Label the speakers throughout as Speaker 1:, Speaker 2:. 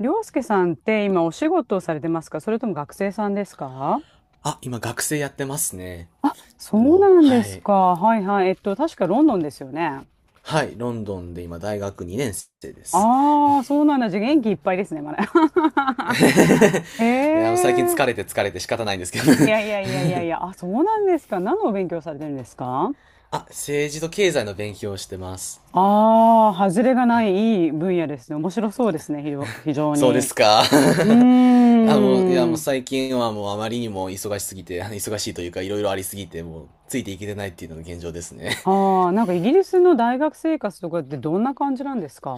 Speaker 1: りょうすけさんって今お仕事をされてますか？それとも学生さんですか？
Speaker 2: 今学生やってますね。
Speaker 1: そ
Speaker 2: あ
Speaker 1: うな
Speaker 2: の、
Speaker 1: んで
Speaker 2: は
Speaker 1: す
Speaker 2: い。
Speaker 1: か。はいはい。確かロンドンですよね。
Speaker 2: はい、ロンドンで今大学2年生です。
Speaker 1: ああ、そうなんだ。じゃあ元気いっぱいですね、まだ。
Speaker 2: 最近
Speaker 1: へえ。
Speaker 2: 疲れて疲れて仕方ないんですけど
Speaker 1: いやいや いやいやいや。あ、そうなんですか。何のお勉強されてるんですか？
Speaker 2: 政治と経済の勉強をしてます。
Speaker 1: ああー、外れがないいい分野ですね。面白そうですね、非常
Speaker 2: そうで
Speaker 1: に。
Speaker 2: すか。
Speaker 1: う
Speaker 2: も
Speaker 1: ー
Speaker 2: う
Speaker 1: ん。
Speaker 2: 最近はもうあまりにも忙しすぎて、忙しいというかいろいろありすぎて、もうついていけてないっていうのが現状ですね。
Speaker 1: ああ、なんかイギリスの大学生活とかってどんな感じなんですか？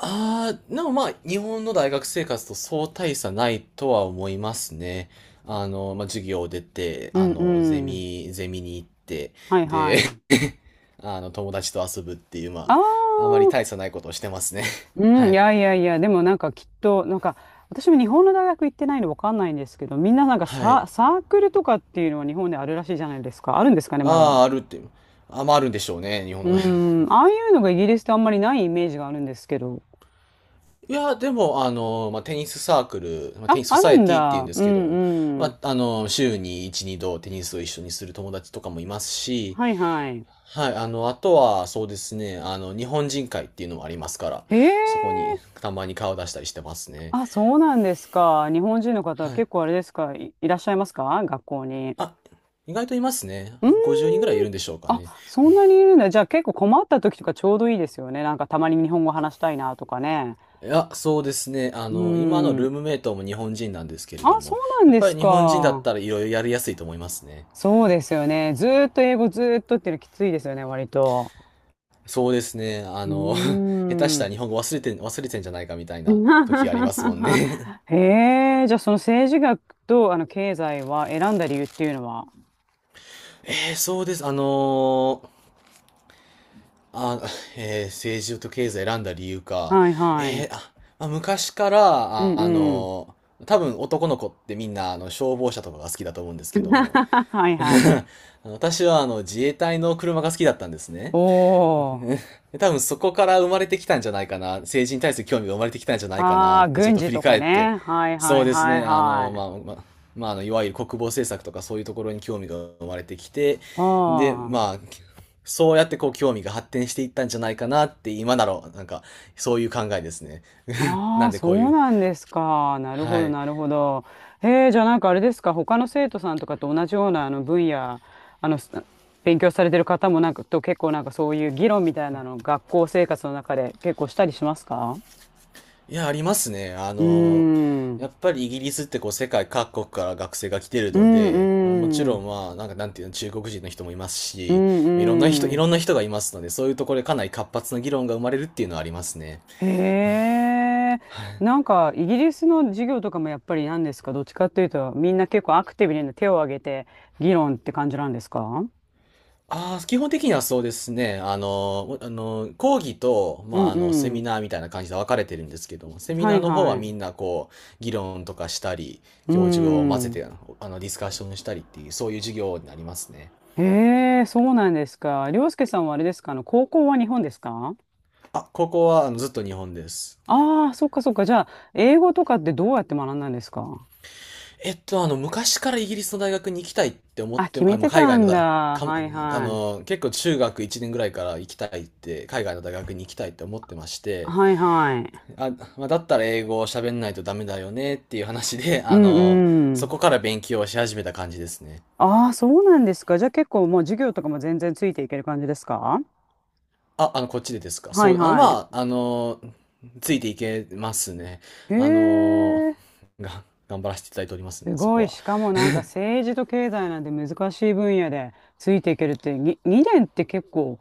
Speaker 2: ああ、でもまあ、日本の大学生活とそう大差ないとは思いますね。授業を出て、
Speaker 1: うんうん。
Speaker 2: ゼミに行って、
Speaker 1: はい
Speaker 2: で、
Speaker 1: はい。
Speaker 2: あの、友達と遊ぶっていう、
Speaker 1: あ
Speaker 2: あまり
Speaker 1: あ、
Speaker 2: 大差ないことをしてますね。
Speaker 1: う
Speaker 2: は
Speaker 1: ん、い
Speaker 2: い。
Speaker 1: やいやいや、でもなんかきっと、私も日本の大学行ってないのわかんないんですけど、みんななんか
Speaker 2: はい。
Speaker 1: サークルとかっていうのは日本であるらしいじゃないですか。あるんですかね、ま
Speaker 2: あ
Speaker 1: だ。
Speaker 2: あ、あるって。あるんでしょうね、日本
Speaker 1: う
Speaker 2: の大学。
Speaker 1: ん、ああいうのがイギリスってあんまりないイメージがあるんですけど。
Speaker 2: いや、でも、あの、まあ、テニスサークル、まあ、テ
Speaker 1: あ、
Speaker 2: ニスソ
Speaker 1: あ
Speaker 2: サ
Speaker 1: る
Speaker 2: エ
Speaker 1: ん
Speaker 2: ティっていうん
Speaker 1: だ。
Speaker 2: で
Speaker 1: う
Speaker 2: すけど、
Speaker 1: んう
Speaker 2: ま
Speaker 1: ん。
Speaker 2: あ、あの、週に1、2度テニスを一緒にする友達とかもいますし、
Speaker 1: はいはい。
Speaker 2: あとは、そうですね、あの、日本人会っていうのもありますから、
Speaker 1: へ
Speaker 2: そこに
Speaker 1: え。
Speaker 2: たまに顔出したりしてますね。
Speaker 1: あ、そうなんですか。日本人の方は
Speaker 2: は
Speaker 1: 結
Speaker 2: い。
Speaker 1: 構あれですか、いらっしゃいますか学校に？
Speaker 2: あ、意外といますね。
Speaker 1: うー
Speaker 2: 50人ぐらい
Speaker 1: ん。
Speaker 2: いるんでしょうか
Speaker 1: あ、
Speaker 2: ね。
Speaker 1: そんなにいるんだ。じゃあ結構困った時とかちょうどいいですよね。なんかたまに日本語話したいなとかね。
Speaker 2: いや、そうですね。あ
Speaker 1: う
Speaker 2: の、今の
Speaker 1: ー
Speaker 2: ル
Speaker 1: ん。
Speaker 2: ームメイトも日本人なんですけれど
Speaker 1: あ、そう
Speaker 2: も、
Speaker 1: なん
Speaker 2: やっ
Speaker 1: で
Speaker 2: ぱ
Speaker 1: す
Speaker 2: り日本人だっ
Speaker 1: か。
Speaker 2: たらいろいろやりやすいと思いますね。
Speaker 1: そうですよね。ずーっと英語ずーっとっていうのきついですよね、割と。
Speaker 2: そうですね。あ
Speaker 1: う
Speaker 2: の、
Speaker 1: ー
Speaker 2: 下手した
Speaker 1: ん。
Speaker 2: ら日本語忘れてん、忘れてんじゃないかみたいな時がありますもん ね。
Speaker 1: へえ、じゃあその政治学と経済は選んだ理由っていうのは？
Speaker 2: えーそうです。あのあ、えー政治と経済選んだ理由か。
Speaker 1: はいは
Speaker 2: え
Speaker 1: い。
Speaker 2: ーあ、まあ昔から、
Speaker 1: うん
Speaker 2: あ、あ
Speaker 1: うん。
Speaker 2: の、多分男の子ってみんなあの消防車とかが好きだと思うんです けども、
Speaker 1: はいはい。
Speaker 2: 私はあの自衛隊の車が好きだったんですね。
Speaker 1: おー。
Speaker 2: 多分そこから生まれてきたんじゃないかな。政治に対する興味が生まれてきたんじゃないか
Speaker 1: あ
Speaker 2: なっ
Speaker 1: あ、
Speaker 2: てちょっ
Speaker 1: 軍
Speaker 2: と
Speaker 1: 事
Speaker 2: 振り
Speaker 1: とか
Speaker 2: 返って、
Speaker 1: ね。はい
Speaker 2: そ
Speaker 1: は
Speaker 2: う
Speaker 1: い
Speaker 2: です
Speaker 1: はい
Speaker 2: ね、
Speaker 1: はい。
Speaker 2: いわゆる国防政策とかそういうところに興味が生まれてきて、
Speaker 1: あ
Speaker 2: で、ま
Speaker 1: あ、
Speaker 2: あ、そうやってこう興味が発展していったんじゃないかなって今なら、なんか、そういう考えですね。
Speaker 1: あ
Speaker 2: な
Speaker 1: あ、
Speaker 2: んで
Speaker 1: そ
Speaker 2: こうい
Speaker 1: う
Speaker 2: う、
Speaker 1: なんですか。なるほ
Speaker 2: は
Speaker 1: ど、
Speaker 2: い。
Speaker 1: なるほど。へえ、じゃあなんかあれですか、他の生徒さんとかと同じような分野、あの、す勉強されてる方もなんかと結構なんかそういう議論みたいなの、学校生活の中で結構したりしますか？
Speaker 2: いや、ありますね。あ
Speaker 1: うー
Speaker 2: の、や
Speaker 1: ん。
Speaker 2: っぱりイギリスってこう世界各国から学生が来てる
Speaker 1: う
Speaker 2: ので、もち
Speaker 1: んう
Speaker 2: ろ
Speaker 1: ん。
Speaker 2: んまあ、なんかなんていうの、中国人の人もいます
Speaker 1: う
Speaker 2: し、
Speaker 1: んう
Speaker 2: い
Speaker 1: ん。
Speaker 2: ろんな人がいますので、そういうところでかなり活発な議論が生まれるっていうのはありますね。
Speaker 1: へえ、なんかイギリスの授業とかもやっぱり何ですか、どっちかっていうと、みんな結構アクティブにね手を挙げて議論って感じなんですか？
Speaker 2: ああ、基本的にはそうですね。講義と、
Speaker 1: うん
Speaker 2: セ
Speaker 1: う
Speaker 2: ミ
Speaker 1: ん。
Speaker 2: ナーみたいな感じで分かれてるんですけども、セミ
Speaker 1: は
Speaker 2: ナー
Speaker 1: い
Speaker 2: の方
Speaker 1: は
Speaker 2: はみ
Speaker 1: い。
Speaker 2: んなこう、議論とかしたり、
Speaker 1: う
Speaker 2: 教授を混ぜ
Speaker 1: ん。
Speaker 2: て、あの、ディスカッションしたりっていう、そういう授業になりますね。
Speaker 1: へえ、そうなんですか。りょうすけさんはあれですか、高校は日本ですか？
Speaker 2: 高校はあのずっと日本です。
Speaker 1: ああー、そっかそっか。じゃあ、英語とかってどうやって学んだんですか？
Speaker 2: 昔からイギリスの大学に行きたいって思っ
Speaker 1: あ、
Speaker 2: て
Speaker 1: 決
Speaker 2: も、あ、
Speaker 1: め
Speaker 2: ま
Speaker 1: て
Speaker 2: あ、海
Speaker 1: た
Speaker 2: 外の
Speaker 1: んだ。
Speaker 2: 大、かも、
Speaker 1: はい
Speaker 2: あ
Speaker 1: はい。
Speaker 2: の、結構中学1年ぐらいから行きたいって、海外の大学に行きたいって思ってまして、
Speaker 1: はいはい。
Speaker 2: あ、まあ、だったら英語を喋んないとダメだよねっていう話で、
Speaker 1: う
Speaker 2: あの、
Speaker 1: んう
Speaker 2: そ
Speaker 1: ん。
Speaker 2: こから勉強をし始めた感じですね。
Speaker 1: ああ、そうなんですか。じゃあ結構もう授業とかも全然ついていける感じですか？
Speaker 2: あ、あの、こっちでですか。
Speaker 1: はいはい。
Speaker 2: ついていけますね。
Speaker 1: へ
Speaker 2: あの、
Speaker 1: え、
Speaker 2: 頑張らせていただいておりますね、
Speaker 1: す
Speaker 2: そ
Speaker 1: ご
Speaker 2: こ
Speaker 1: い。
Speaker 2: は。
Speaker 1: しかもなんか政治と経済なんて難しい分野でついていけるって、2年って結構、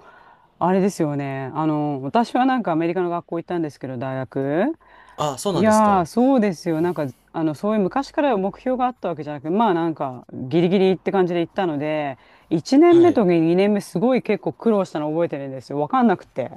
Speaker 1: あれですよね。あの、私はなんかアメリカの学校行ったんですけど、大学。
Speaker 2: あ、そう
Speaker 1: い
Speaker 2: なんです
Speaker 1: やー、
Speaker 2: か。
Speaker 1: そうですよ。なんか、あの、そういう昔から目標があったわけじゃなくて、まあなんか、ギリギリって感じで行ったので、1年
Speaker 2: は
Speaker 1: 目
Speaker 2: い。
Speaker 1: と2年目すごい結構苦労したの覚えてるんですよ。わかんなくて。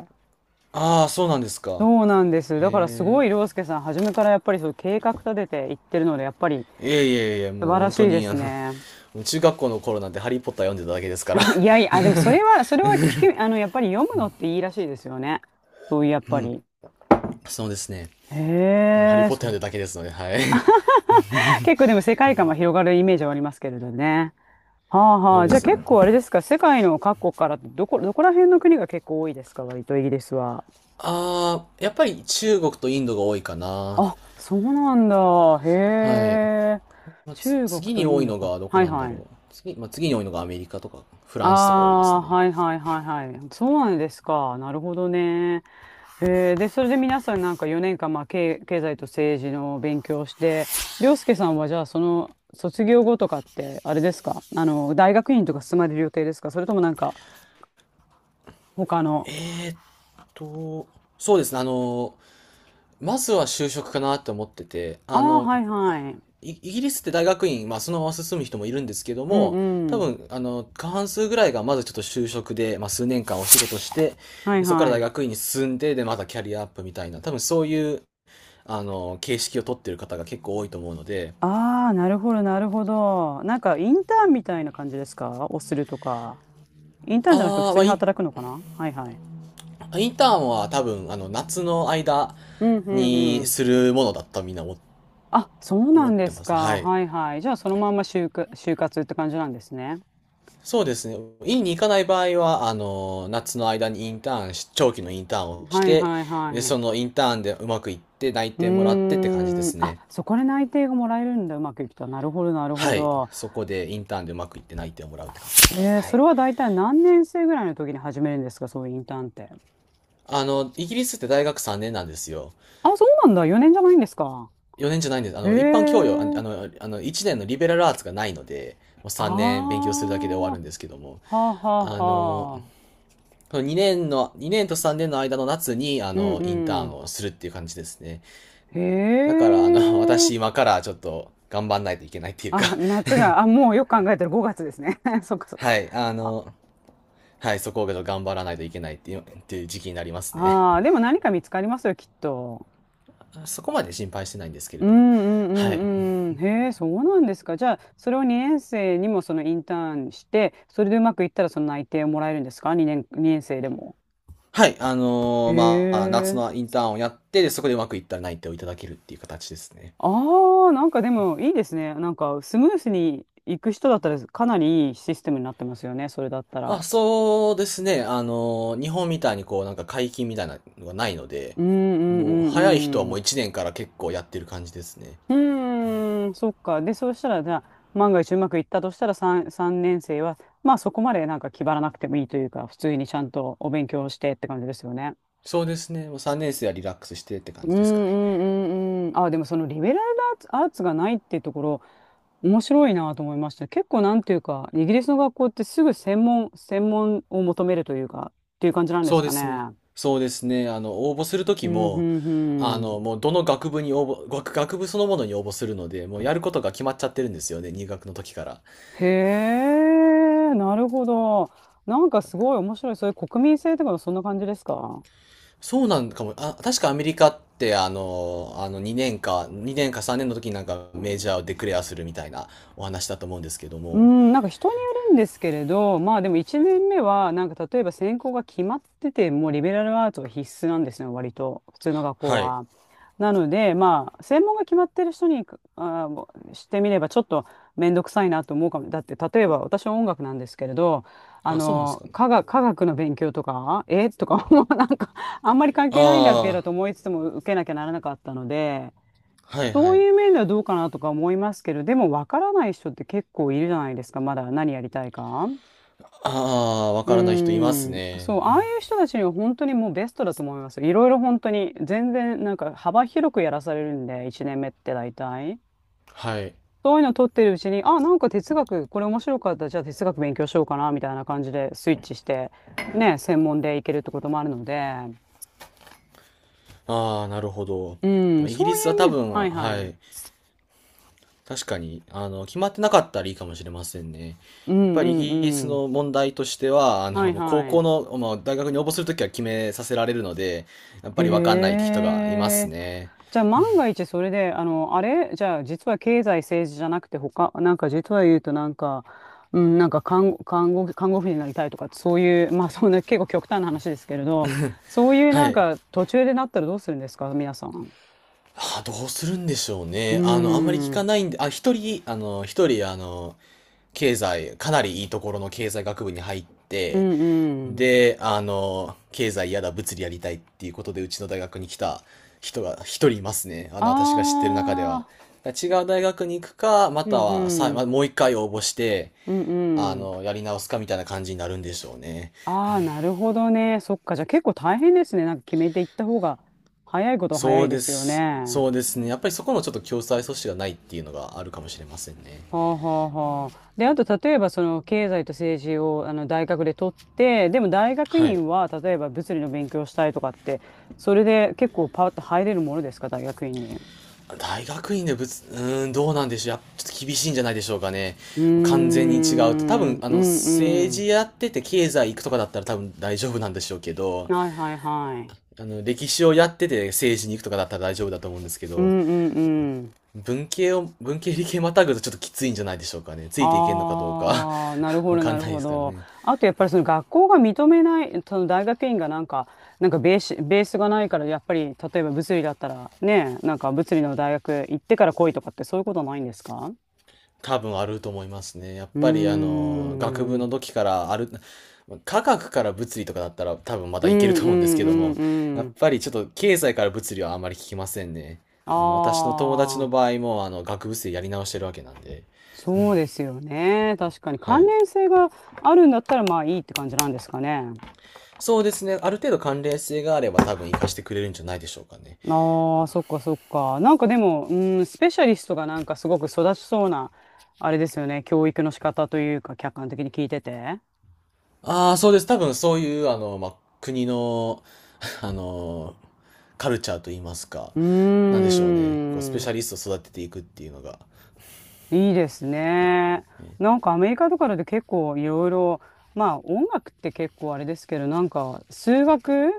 Speaker 2: ああ、そうなんですか。
Speaker 1: そうなんです。だからす
Speaker 2: へえ。
Speaker 1: ごい涼介さん、初めからやっぱりそう計画立てていってるので、やっぱり素
Speaker 2: もう
Speaker 1: 晴ら
Speaker 2: 本
Speaker 1: し
Speaker 2: 当
Speaker 1: いで
Speaker 2: に、
Speaker 1: す
Speaker 2: あ
Speaker 1: ね。
Speaker 2: の、中学校の頃なんてハリーポッター読んでただけですから。
Speaker 1: いやい や、あでもそれは、それは聞く、あの、やっぱり読むのっていいらしいですよね。そういう、やっ
Speaker 2: う
Speaker 1: ぱ
Speaker 2: ん。
Speaker 1: り。
Speaker 2: そうですね。もうハリ
Speaker 1: へ
Speaker 2: ー
Speaker 1: え、
Speaker 2: ポッ
Speaker 1: そ
Speaker 2: ター読んで
Speaker 1: う。
Speaker 2: ただけですので、はい。
Speaker 1: 結構でも世界観は広がるイメージはありますけれどね。はあ
Speaker 2: そ
Speaker 1: は
Speaker 2: う
Speaker 1: あ。
Speaker 2: で
Speaker 1: じゃあ
Speaker 2: す。
Speaker 1: 結構あれですか、世界の各国からどこら辺の国が結構多いですか、割とイギリスは？
Speaker 2: あー、やっぱり中国とインドが多いかな。
Speaker 1: あ、そうなんだ。へ
Speaker 2: はい。
Speaker 1: え。中国
Speaker 2: 次
Speaker 1: と
Speaker 2: に
Speaker 1: イ
Speaker 2: 多
Speaker 1: ン
Speaker 2: い
Speaker 1: ド
Speaker 2: の
Speaker 1: か。
Speaker 2: がどこ
Speaker 1: はい
Speaker 2: なんだ
Speaker 1: はい。
Speaker 2: ろう。次、まあ、次に多いのがアメリカとかフランスとか多いです
Speaker 1: ああ
Speaker 2: ね。
Speaker 1: ー、はいはいはいはい。そうなんですか。なるほどね。へえ、で、それで皆さんなんか4年間、経済と政治の勉強をして、涼介さんはじゃあその卒業後とかって、あれですか大学院とか進まれる予定ですか？それともなんか、他の。
Speaker 2: と、そうですね。あの、まずは就職かなって思ってて、
Speaker 1: あ
Speaker 2: あ
Speaker 1: あ、
Speaker 2: の、
Speaker 1: はいはい。
Speaker 2: イギリスって大学院、まあ、そのまま進む人もいるんですけど
Speaker 1: うん
Speaker 2: も、多
Speaker 1: うん。
Speaker 2: 分、あの、過半数ぐらいがまずちょっと就職で、まあ、数年間お仕事して、
Speaker 1: はい
Speaker 2: でそこから
Speaker 1: は
Speaker 2: 大
Speaker 1: い。
Speaker 2: 学院に進んで、で、またキャリアアップみたいな、多分そういう、あの、形式を取ってる方が結構多いと思うので、
Speaker 1: ああ、なるほどなるほど。なんかインターンみたいな感じですか？をするとか。インターンじゃなくて普
Speaker 2: ああ、
Speaker 1: 通
Speaker 2: まあ
Speaker 1: に
Speaker 2: イン、
Speaker 1: 働くのかな？はいはい。
Speaker 2: インターンは多分、あの、夏の間
Speaker 1: うんうんう
Speaker 2: に
Speaker 1: ん。
Speaker 2: するものだったみんな
Speaker 1: あ、そうな
Speaker 2: 思っ
Speaker 1: んで
Speaker 2: て
Speaker 1: す
Speaker 2: ます。は
Speaker 1: か。
Speaker 2: い。
Speaker 1: はいはい。じゃあ、そのまんま就活って感じなんですね。
Speaker 2: そうですね。院に行かない場合は、あの、夏の間にインターンし、長期のインターンをし
Speaker 1: はい
Speaker 2: て、
Speaker 1: はいは
Speaker 2: で、そ
Speaker 1: い。
Speaker 2: のインターンでうまくいって内
Speaker 1: う
Speaker 2: 定もらっ
Speaker 1: ー
Speaker 2: てって感じで
Speaker 1: ん。
Speaker 2: す
Speaker 1: あ、
Speaker 2: ね。
Speaker 1: そこで内定がもらえるんだ。うまくいくと。なるほど、なるほ
Speaker 2: はい。
Speaker 1: ど。
Speaker 2: そこでインターンでうまくいって内定をもらうって感
Speaker 1: へえ、
Speaker 2: じ。は
Speaker 1: そ
Speaker 2: い。
Speaker 1: れは大体何年生ぐらいの時に始めるんですか、そういうインターンって？
Speaker 2: あの、イギリスって大学3年なんですよ。
Speaker 1: あ、そうなんだ。4年じゃないんですか？
Speaker 2: 4年じゃないんです。あ
Speaker 1: へ
Speaker 2: の、一般教養、ああ
Speaker 1: え。
Speaker 2: の、あの、1年のリベラルアーツがないので、もう3年勉
Speaker 1: あ
Speaker 2: 強するだけで終わ
Speaker 1: あ、
Speaker 2: るんですけども、
Speaker 1: はあは
Speaker 2: あの、
Speaker 1: あはあ。
Speaker 2: 2年と3年の間の夏に、あ
Speaker 1: うん
Speaker 2: の、インタ
Speaker 1: う
Speaker 2: ーン
Speaker 1: ん。
Speaker 2: をするっていう感じですね。だか
Speaker 1: へ
Speaker 2: ら、あの、私
Speaker 1: え。
Speaker 2: 今からちょっと頑張んないといけないっていうか
Speaker 1: あ、夏が、あ、もうよく考えたら5月ですね。そっか そっか。
Speaker 2: はい、あの、はい、そこを頑張らないといけないっていう、っていう時期になりますね。
Speaker 1: ああ、でも何か見つかりますよ、きっと。
Speaker 2: そこまで心配してないんですけれ
Speaker 1: う
Speaker 2: ども。
Speaker 1: んう
Speaker 2: はい。
Speaker 1: んうんうん。へえ、そうなんですか。じゃあ、それを2年生にもそのインターンして、それでうまくいったらその内定をもらえるんですか？ 2 年、2年生でも？へ
Speaker 2: 夏
Speaker 1: え。
Speaker 2: のインターンをやって、で、そこでうまくいったら内定をいただけるっていう形ですね。
Speaker 1: ああ、なんかでもいいですね。なんかスムースに行く人だったらかなりいいシステムになってますよね、それだったら。
Speaker 2: そうですね。あのー、日本みたいにこう、なんか解禁みたいなのがないので、
Speaker 1: うんう
Speaker 2: もう、早い人は
Speaker 1: んう
Speaker 2: もう
Speaker 1: ん
Speaker 2: 1年から結構やってる感じですね。
Speaker 1: うーん、そっか。で、そうしたら、じゃあ、万が一うまくいったとしたら3、三年生は、まあそこまでなんか気張らなくてもいいというか、普通にちゃんとお勉強してって感じですよね。
Speaker 2: そうですね。もう3年生はリラックスしてって感
Speaker 1: う
Speaker 2: じですかね。
Speaker 1: んうんうんうん。あ、でもそのリベラルアーツ、アーツがないっていうところ、面白いなと思いました。結構なんていうか、イギリスの学校ってすぐ専門を求めるというか、っていう感じなんで
Speaker 2: そ
Speaker 1: す
Speaker 2: うで
Speaker 1: かね。
Speaker 2: すね。そうですね。あの、応募すると
Speaker 1: う
Speaker 2: き
Speaker 1: ん
Speaker 2: も、あ
Speaker 1: うん
Speaker 2: の、もうどの学部に応募、学、学部そのものに応募するので、もうやることが決まっちゃってるんですよね、入学の時から。
Speaker 1: へえ、なるほど。なんかすごい面白い。そういう国民性とかもそんな感じですか？
Speaker 2: そうなんかも、あ、確かアメリカって、2年か3年の時になんかメジャーをデクレアするみたいなお話だと思うんですけど
Speaker 1: う
Speaker 2: も。
Speaker 1: ん、なんか人によるんですけれど、まあでも1年目は、なんか例えば専攻が決まってて、もうリベラルアーツが必須なんですね、割と、普通の学校
Speaker 2: はい。
Speaker 1: は。なので、まあ、専門が決まってる人にしてみれば、ちょっと面倒くさいなと思うかも。だって、例えば私は音楽なんですけれど、
Speaker 2: あ、そうなんですかね。
Speaker 1: 科学の勉強とか、もう なんか、あんまり関係ないんだけど
Speaker 2: あ
Speaker 1: と思いつつも受けなきゃならなかったので、
Speaker 2: あ、はい
Speaker 1: そ
Speaker 2: は
Speaker 1: う
Speaker 2: い。
Speaker 1: いう面ではどうかなとか思いますけど、でもわからない人って結構いるじゃないですか、まだ何やりたいか。
Speaker 2: ああ、わ
Speaker 1: うー
Speaker 2: からない人います
Speaker 1: ん。
Speaker 2: ね。
Speaker 1: そう、ああいう人たちには本当にもうベストだと思いますよ。いろいろ本当に、全然なんか幅広くやらされるんで、1年目って大体。
Speaker 2: はい。
Speaker 1: そういうの取ってるうちに、あ、なんか哲学、これ面白かった、じゃあ哲学勉強しようかな、みたいな感じでスイッチして、ね、専門でいけるってこともあるので、
Speaker 2: ああ、なるほど。
Speaker 1: うん、
Speaker 2: イギ
Speaker 1: そう
Speaker 2: リス
Speaker 1: いう
Speaker 2: は多
Speaker 1: 面、
Speaker 2: 分、
Speaker 1: はいは
Speaker 2: は
Speaker 1: い。
Speaker 2: い。確かに、あの、決まってなかったらいいかもしれませんね。や
Speaker 1: うん
Speaker 2: っぱ
Speaker 1: う
Speaker 2: りイ
Speaker 1: んう
Speaker 2: ギリス
Speaker 1: ん。
Speaker 2: の問題としては、あ
Speaker 1: は
Speaker 2: の、
Speaker 1: い
Speaker 2: もう高
Speaker 1: はい。
Speaker 2: 校の、まあ、大学に応募するときは決めさせられるので、やっぱりわかんないって人がいます
Speaker 1: へ
Speaker 2: ね。
Speaker 1: じゃあ万が一それで、あれ、じゃあ実は経済政治じゃなくて他、なんか実は言うとなんか、うん、なんか看護婦になりたいとか、そういう、まあそんな結構極端な話ですけれど、そういう
Speaker 2: は
Speaker 1: なん
Speaker 2: い。
Speaker 1: か途中でなったらどうするんですか、皆さん。
Speaker 2: あ、どうするんでしょう
Speaker 1: うー
Speaker 2: ね。あの、あんまり聞
Speaker 1: ん、う
Speaker 2: か
Speaker 1: ん
Speaker 2: ないんで、あ、一人、あの、一人、あの、経済、かなりいいところの経済学部に入っ
Speaker 1: う
Speaker 2: て、
Speaker 1: ん。
Speaker 2: で、あの、経済やだ、物理やりたいっていうことで、うちの大学に来た人が一人いますね。あ
Speaker 1: あ
Speaker 2: の、私が知ってる中では。
Speaker 1: あ、
Speaker 2: だから違う大学に行くか、ま
Speaker 1: う
Speaker 2: た
Speaker 1: ん
Speaker 2: はさ、
Speaker 1: う
Speaker 2: ま
Speaker 1: ん、
Speaker 2: もう一回応募して、
Speaker 1: うんうん。
Speaker 2: やり直すかみたいな感じになるんでしょうね。
Speaker 1: ああ、なるほどね。そっか。じゃあ結構大変ですね。なんか決めていった方が早いことは早
Speaker 2: そ
Speaker 1: い
Speaker 2: う
Speaker 1: で
Speaker 2: で
Speaker 1: すよ
Speaker 2: す。
Speaker 1: ね。
Speaker 2: そうですね。やっぱりそこのちょっと共済阻止がないっていうのがあるかもしれませんね。
Speaker 1: はあはあはあ。で、あと、例えば、その、経済と政治を、大学で取って、でも、大学
Speaker 2: はい。
Speaker 1: 院は、例えば、物理の勉強したいとかって、それで結構パッと入れるものですか、大学院に。
Speaker 2: 大学院でぶつ、うーん、どうなんでしょう。やっちょっと厳しいんじゃないでしょうかね。
Speaker 1: うー
Speaker 2: 完全に違うと。多分、
Speaker 1: ん、う
Speaker 2: 政
Speaker 1: ん
Speaker 2: 治やってて経済行くとかだったら多分大丈夫なんでしょうけど、
Speaker 1: うん。はいはいはい。
Speaker 2: 歴史をやってて政治に行くとかだったら大丈夫だと思うんですけ
Speaker 1: う
Speaker 2: ど、
Speaker 1: んうんうん。
Speaker 2: 文系を、文系理系またぐとちょっときついんじゃないでしょうかね。ついていけんのかどうか
Speaker 1: ああ、なる ほ
Speaker 2: わ
Speaker 1: ど、
Speaker 2: か
Speaker 1: な
Speaker 2: ん
Speaker 1: る
Speaker 2: ないで
Speaker 1: ほ
Speaker 2: すから
Speaker 1: ど。
Speaker 2: ね。
Speaker 1: あと、やっぱりその学校が認めない、その大学院がなんか、ベースがないから、やっぱり、例えば物理だったら、ね、なんか物理の大学行ってから来いとかって、そういうことないんですか？
Speaker 2: 多分あると思いますね。やっ
Speaker 1: うー
Speaker 2: ぱり学
Speaker 1: ん。う
Speaker 2: 部の
Speaker 1: ん
Speaker 2: 時からある、科学から物理とかだったら多分ま
Speaker 1: う
Speaker 2: だいける
Speaker 1: ん
Speaker 2: と
Speaker 1: う
Speaker 2: 思うんですけど
Speaker 1: ん
Speaker 2: も、
Speaker 1: う
Speaker 2: やっ
Speaker 1: ん。
Speaker 2: ぱりちょっと経済から物理はあまり聞きませんね。
Speaker 1: あ
Speaker 2: 私の友達の
Speaker 1: あ、
Speaker 2: 場合も学部生やり直してるわけなんで。
Speaker 1: そうですよね。確かに
Speaker 2: は
Speaker 1: 関
Speaker 2: い。
Speaker 1: 連性があるんだったら、まあいいって感じなんですかね。
Speaker 2: そうですね。ある程度関連性があれば多分活かしてくれるんじゃないでしょうかね。
Speaker 1: ああ、そっかそっか。なんかでも、うん、スペシャリストがなんかすごく育ちそうな、あれですよね、教育の仕方というか、客観的に聞いてて。
Speaker 2: ああ、そうです。多分そういうまあ、国の、あの、カルチャーといいますか、
Speaker 1: うー
Speaker 2: なんでしょうね。こう、スペシ
Speaker 1: ん、
Speaker 2: ャリストを育てていくっていうのが。
Speaker 1: いいですね。なんかアメリカとかだと結構いろいろ、まあ音楽って結構あれですけど、なんか数学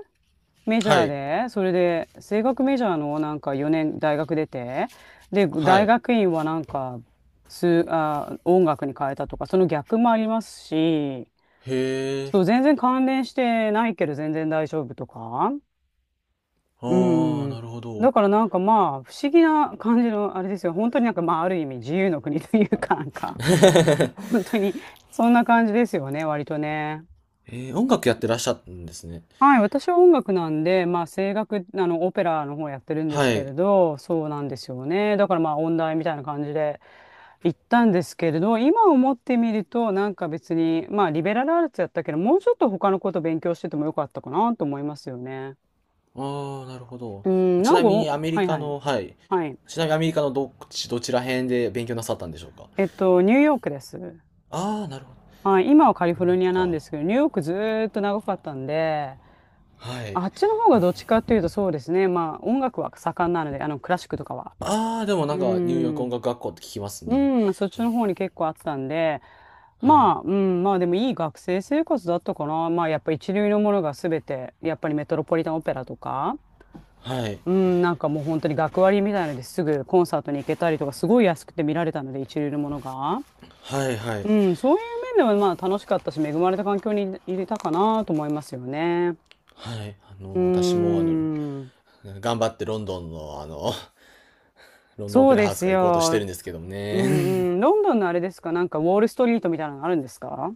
Speaker 1: メジ
Speaker 2: は
Speaker 1: ャー
Speaker 2: い。
Speaker 1: で、それで声楽メジャーのなんか4年大学出て、で、
Speaker 2: は
Speaker 1: 大
Speaker 2: い。
Speaker 1: 学院はなんか、音楽に変えたとか、その逆もありますし、
Speaker 2: へえ。
Speaker 1: そう、全然関連してないけど全然大丈夫とか。う
Speaker 2: ああ、な
Speaker 1: ん。
Speaker 2: るほど。
Speaker 1: だからなんかまあ、不思議な感じの、あれですよ。本当になんかまあ、ある意味自由の国というか、なんか、本当に、そんな感じですよね、割とね。
Speaker 2: 音楽やってらっしゃるんですね。
Speaker 1: はい、私は音楽なんで、まあ、声楽、オペラの方やってるんで
Speaker 2: は
Speaker 1: すけれ
Speaker 2: い。
Speaker 1: ど、そうなんですよね。だからまあ、音大みたいな感じで行ったんですけれど、今思ってみると、なんか別に、まあ、リベラルアーツやったけど、もうちょっと他のこと勉強しててもよかったかなと思いますよね。
Speaker 2: ああ、なるほど。
Speaker 1: うん、
Speaker 2: ち
Speaker 1: なん
Speaker 2: な
Speaker 1: か
Speaker 2: み
Speaker 1: お、
Speaker 2: にアメリ
Speaker 1: はい
Speaker 2: カ
Speaker 1: はい。
Speaker 2: の、はい。
Speaker 1: はい。
Speaker 2: ちなみにアメリカのどっち、どちら辺で勉強なさったんでしょうか。
Speaker 1: えっと、ニューヨークです。
Speaker 2: ああー、なるほど。
Speaker 1: はい。今はカリ
Speaker 2: ニ
Speaker 1: フォ
Speaker 2: ュー
Speaker 1: ル
Speaker 2: ヨー
Speaker 1: ニア
Speaker 2: ク
Speaker 1: なんで
Speaker 2: か。
Speaker 1: すけど、ニューヨークずーっと長かったんで、
Speaker 2: はい。
Speaker 1: あっちの方がどっちかっていうとそうですね。まあ、音楽は盛んなので、クラシックとかは。
Speaker 2: ああ、でもな
Speaker 1: う
Speaker 2: んかニューヨーク音
Speaker 1: ん。
Speaker 2: 楽学校って聞きますね。
Speaker 1: うん、そっちの方に結構あったんで、
Speaker 2: はい。
Speaker 1: まあ、うん、まあでもいい学生生活だったかな。まあ、やっぱ一流のものが全て、やっぱりメトロポリタンオペラとか、
Speaker 2: はい。
Speaker 1: うん、なんかもう本当に学割みたいのですぐコンサートに行けたりとか、すごい安くて見られたので、一流のものが。
Speaker 2: はい、はい。
Speaker 1: うん、そういう面ではまあ楽しかったし、恵まれた環境にいれたかなと思いますよね。
Speaker 2: はい。
Speaker 1: うー
Speaker 2: 私も
Speaker 1: ん、
Speaker 2: 頑張ってロンドンの、ロンドンオ
Speaker 1: そ
Speaker 2: ペ
Speaker 1: う
Speaker 2: ラ
Speaker 1: で
Speaker 2: ハウス
Speaker 1: す
Speaker 2: が行こうとしてる
Speaker 1: よ。
Speaker 2: んですけども
Speaker 1: う
Speaker 2: ね。
Speaker 1: んうん、ロンドンのあれですか、なんかウォールストリートみたいなのあるんですか？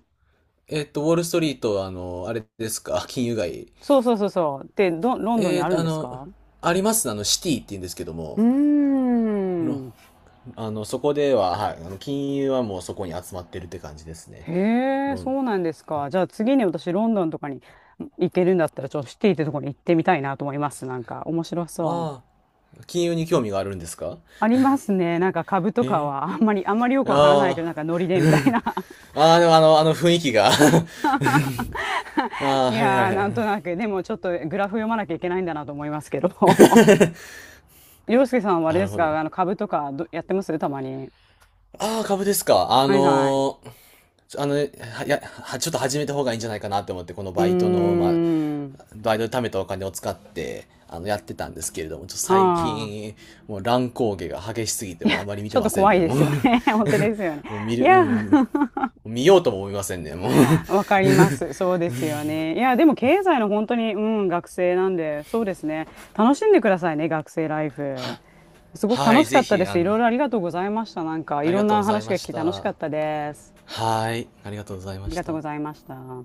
Speaker 2: ウォールストリート、あれですか、金融街。
Speaker 1: そうそうそうそう。で、ど、ロンドンに
Speaker 2: え
Speaker 1: あ
Speaker 2: ー
Speaker 1: るん
Speaker 2: あ
Speaker 1: です
Speaker 2: の、
Speaker 1: か？
Speaker 2: ありますね、シティって言うんですけど
Speaker 1: う
Speaker 2: も、
Speaker 1: ー
Speaker 2: の、
Speaker 1: ん。
Speaker 2: そこでは、はい、金融はもうそこに集まってるって感じですね。
Speaker 1: へえ、
Speaker 2: ロン。
Speaker 1: そうなんですか。じゃあ次に私ロンドンとかに行けるんだったら、ちょっとシティってとこに行ってみたいなと思います。なんか面白そ
Speaker 2: ああ、
Speaker 1: う。
Speaker 2: 金融に興味があるんですか？
Speaker 1: ありますね。なんか株とか
Speaker 2: へ
Speaker 1: はあんまりよく
Speaker 2: え。
Speaker 1: わからないけ
Speaker 2: ああ、
Speaker 1: ど、なんかノリ で
Speaker 2: う
Speaker 1: みたい
Speaker 2: ん。
Speaker 1: な。
Speaker 2: ああ、でもあの、あの雰囲気が あ あ、
Speaker 1: い
Speaker 2: はいは
Speaker 1: や
Speaker 2: い
Speaker 1: ー、
Speaker 2: は
Speaker 1: なんと
Speaker 2: い。
Speaker 1: なく、でもちょっとグラフ読まなきゃいけないんだなと思いますけど。洋介さんはあれ
Speaker 2: な
Speaker 1: で
Speaker 2: る
Speaker 1: す
Speaker 2: ほど。
Speaker 1: か、あの株とかどやってますたまに。
Speaker 2: ああ、株ですか。
Speaker 1: はいはい。
Speaker 2: ちょあの、は、いや、はちょっと始めた方がいいんじゃないかなって思って、この
Speaker 1: うー
Speaker 2: バイトの、まあ、
Speaker 1: ん。
Speaker 2: バイトで貯めたお金を使って、やってたんですけれども、ちょっと
Speaker 1: は
Speaker 2: 最
Speaker 1: あ。
Speaker 2: 近、もう乱高下が激しすぎて、もうあまり見
Speaker 1: ち
Speaker 2: て
Speaker 1: ょっ
Speaker 2: ま
Speaker 1: と
Speaker 2: せん
Speaker 1: 怖い
Speaker 2: ね、
Speaker 1: で
Speaker 2: もう
Speaker 1: すよね。本当ですよね。
Speaker 2: もう見
Speaker 1: い
Speaker 2: る、う
Speaker 1: や、
Speaker 2: ん、見ようとも思いませんね、もう
Speaker 1: わかります。そうですよね。いや、でも経済の本当に、うん、学生なんで、そうですね。楽しんでくださいね、学生ライフ。
Speaker 2: は、
Speaker 1: すごく
Speaker 2: は
Speaker 1: 楽
Speaker 2: い、
Speaker 1: し
Speaker 2: ぜ
Speaker 1: かった
Speaker 2: ひ、
Speaker 1: です。いろいろありがとうございました。なんか、い
Speaker 2: あり
Speaker 1: ろ
Speaker 2: が
Speaker 1: ん
Speaker 2: とう
Speaker 1: な
Speaker 2: ござい
Speaker 1: 話
Speaker 2: ま
Speaker 1: が聞
Speaker 2: し
Speaker 1: き楽し
Speaker 2: た。
Speaker 1: かったです。
Speaker 2: はい、ありがとうござい
Speaker 1: あ
Speaker 2: ま
Speaker 1: り
Speaker 2: し
Speaker 1: がとう
Speaker 2: た。
Speaker 1: ございました。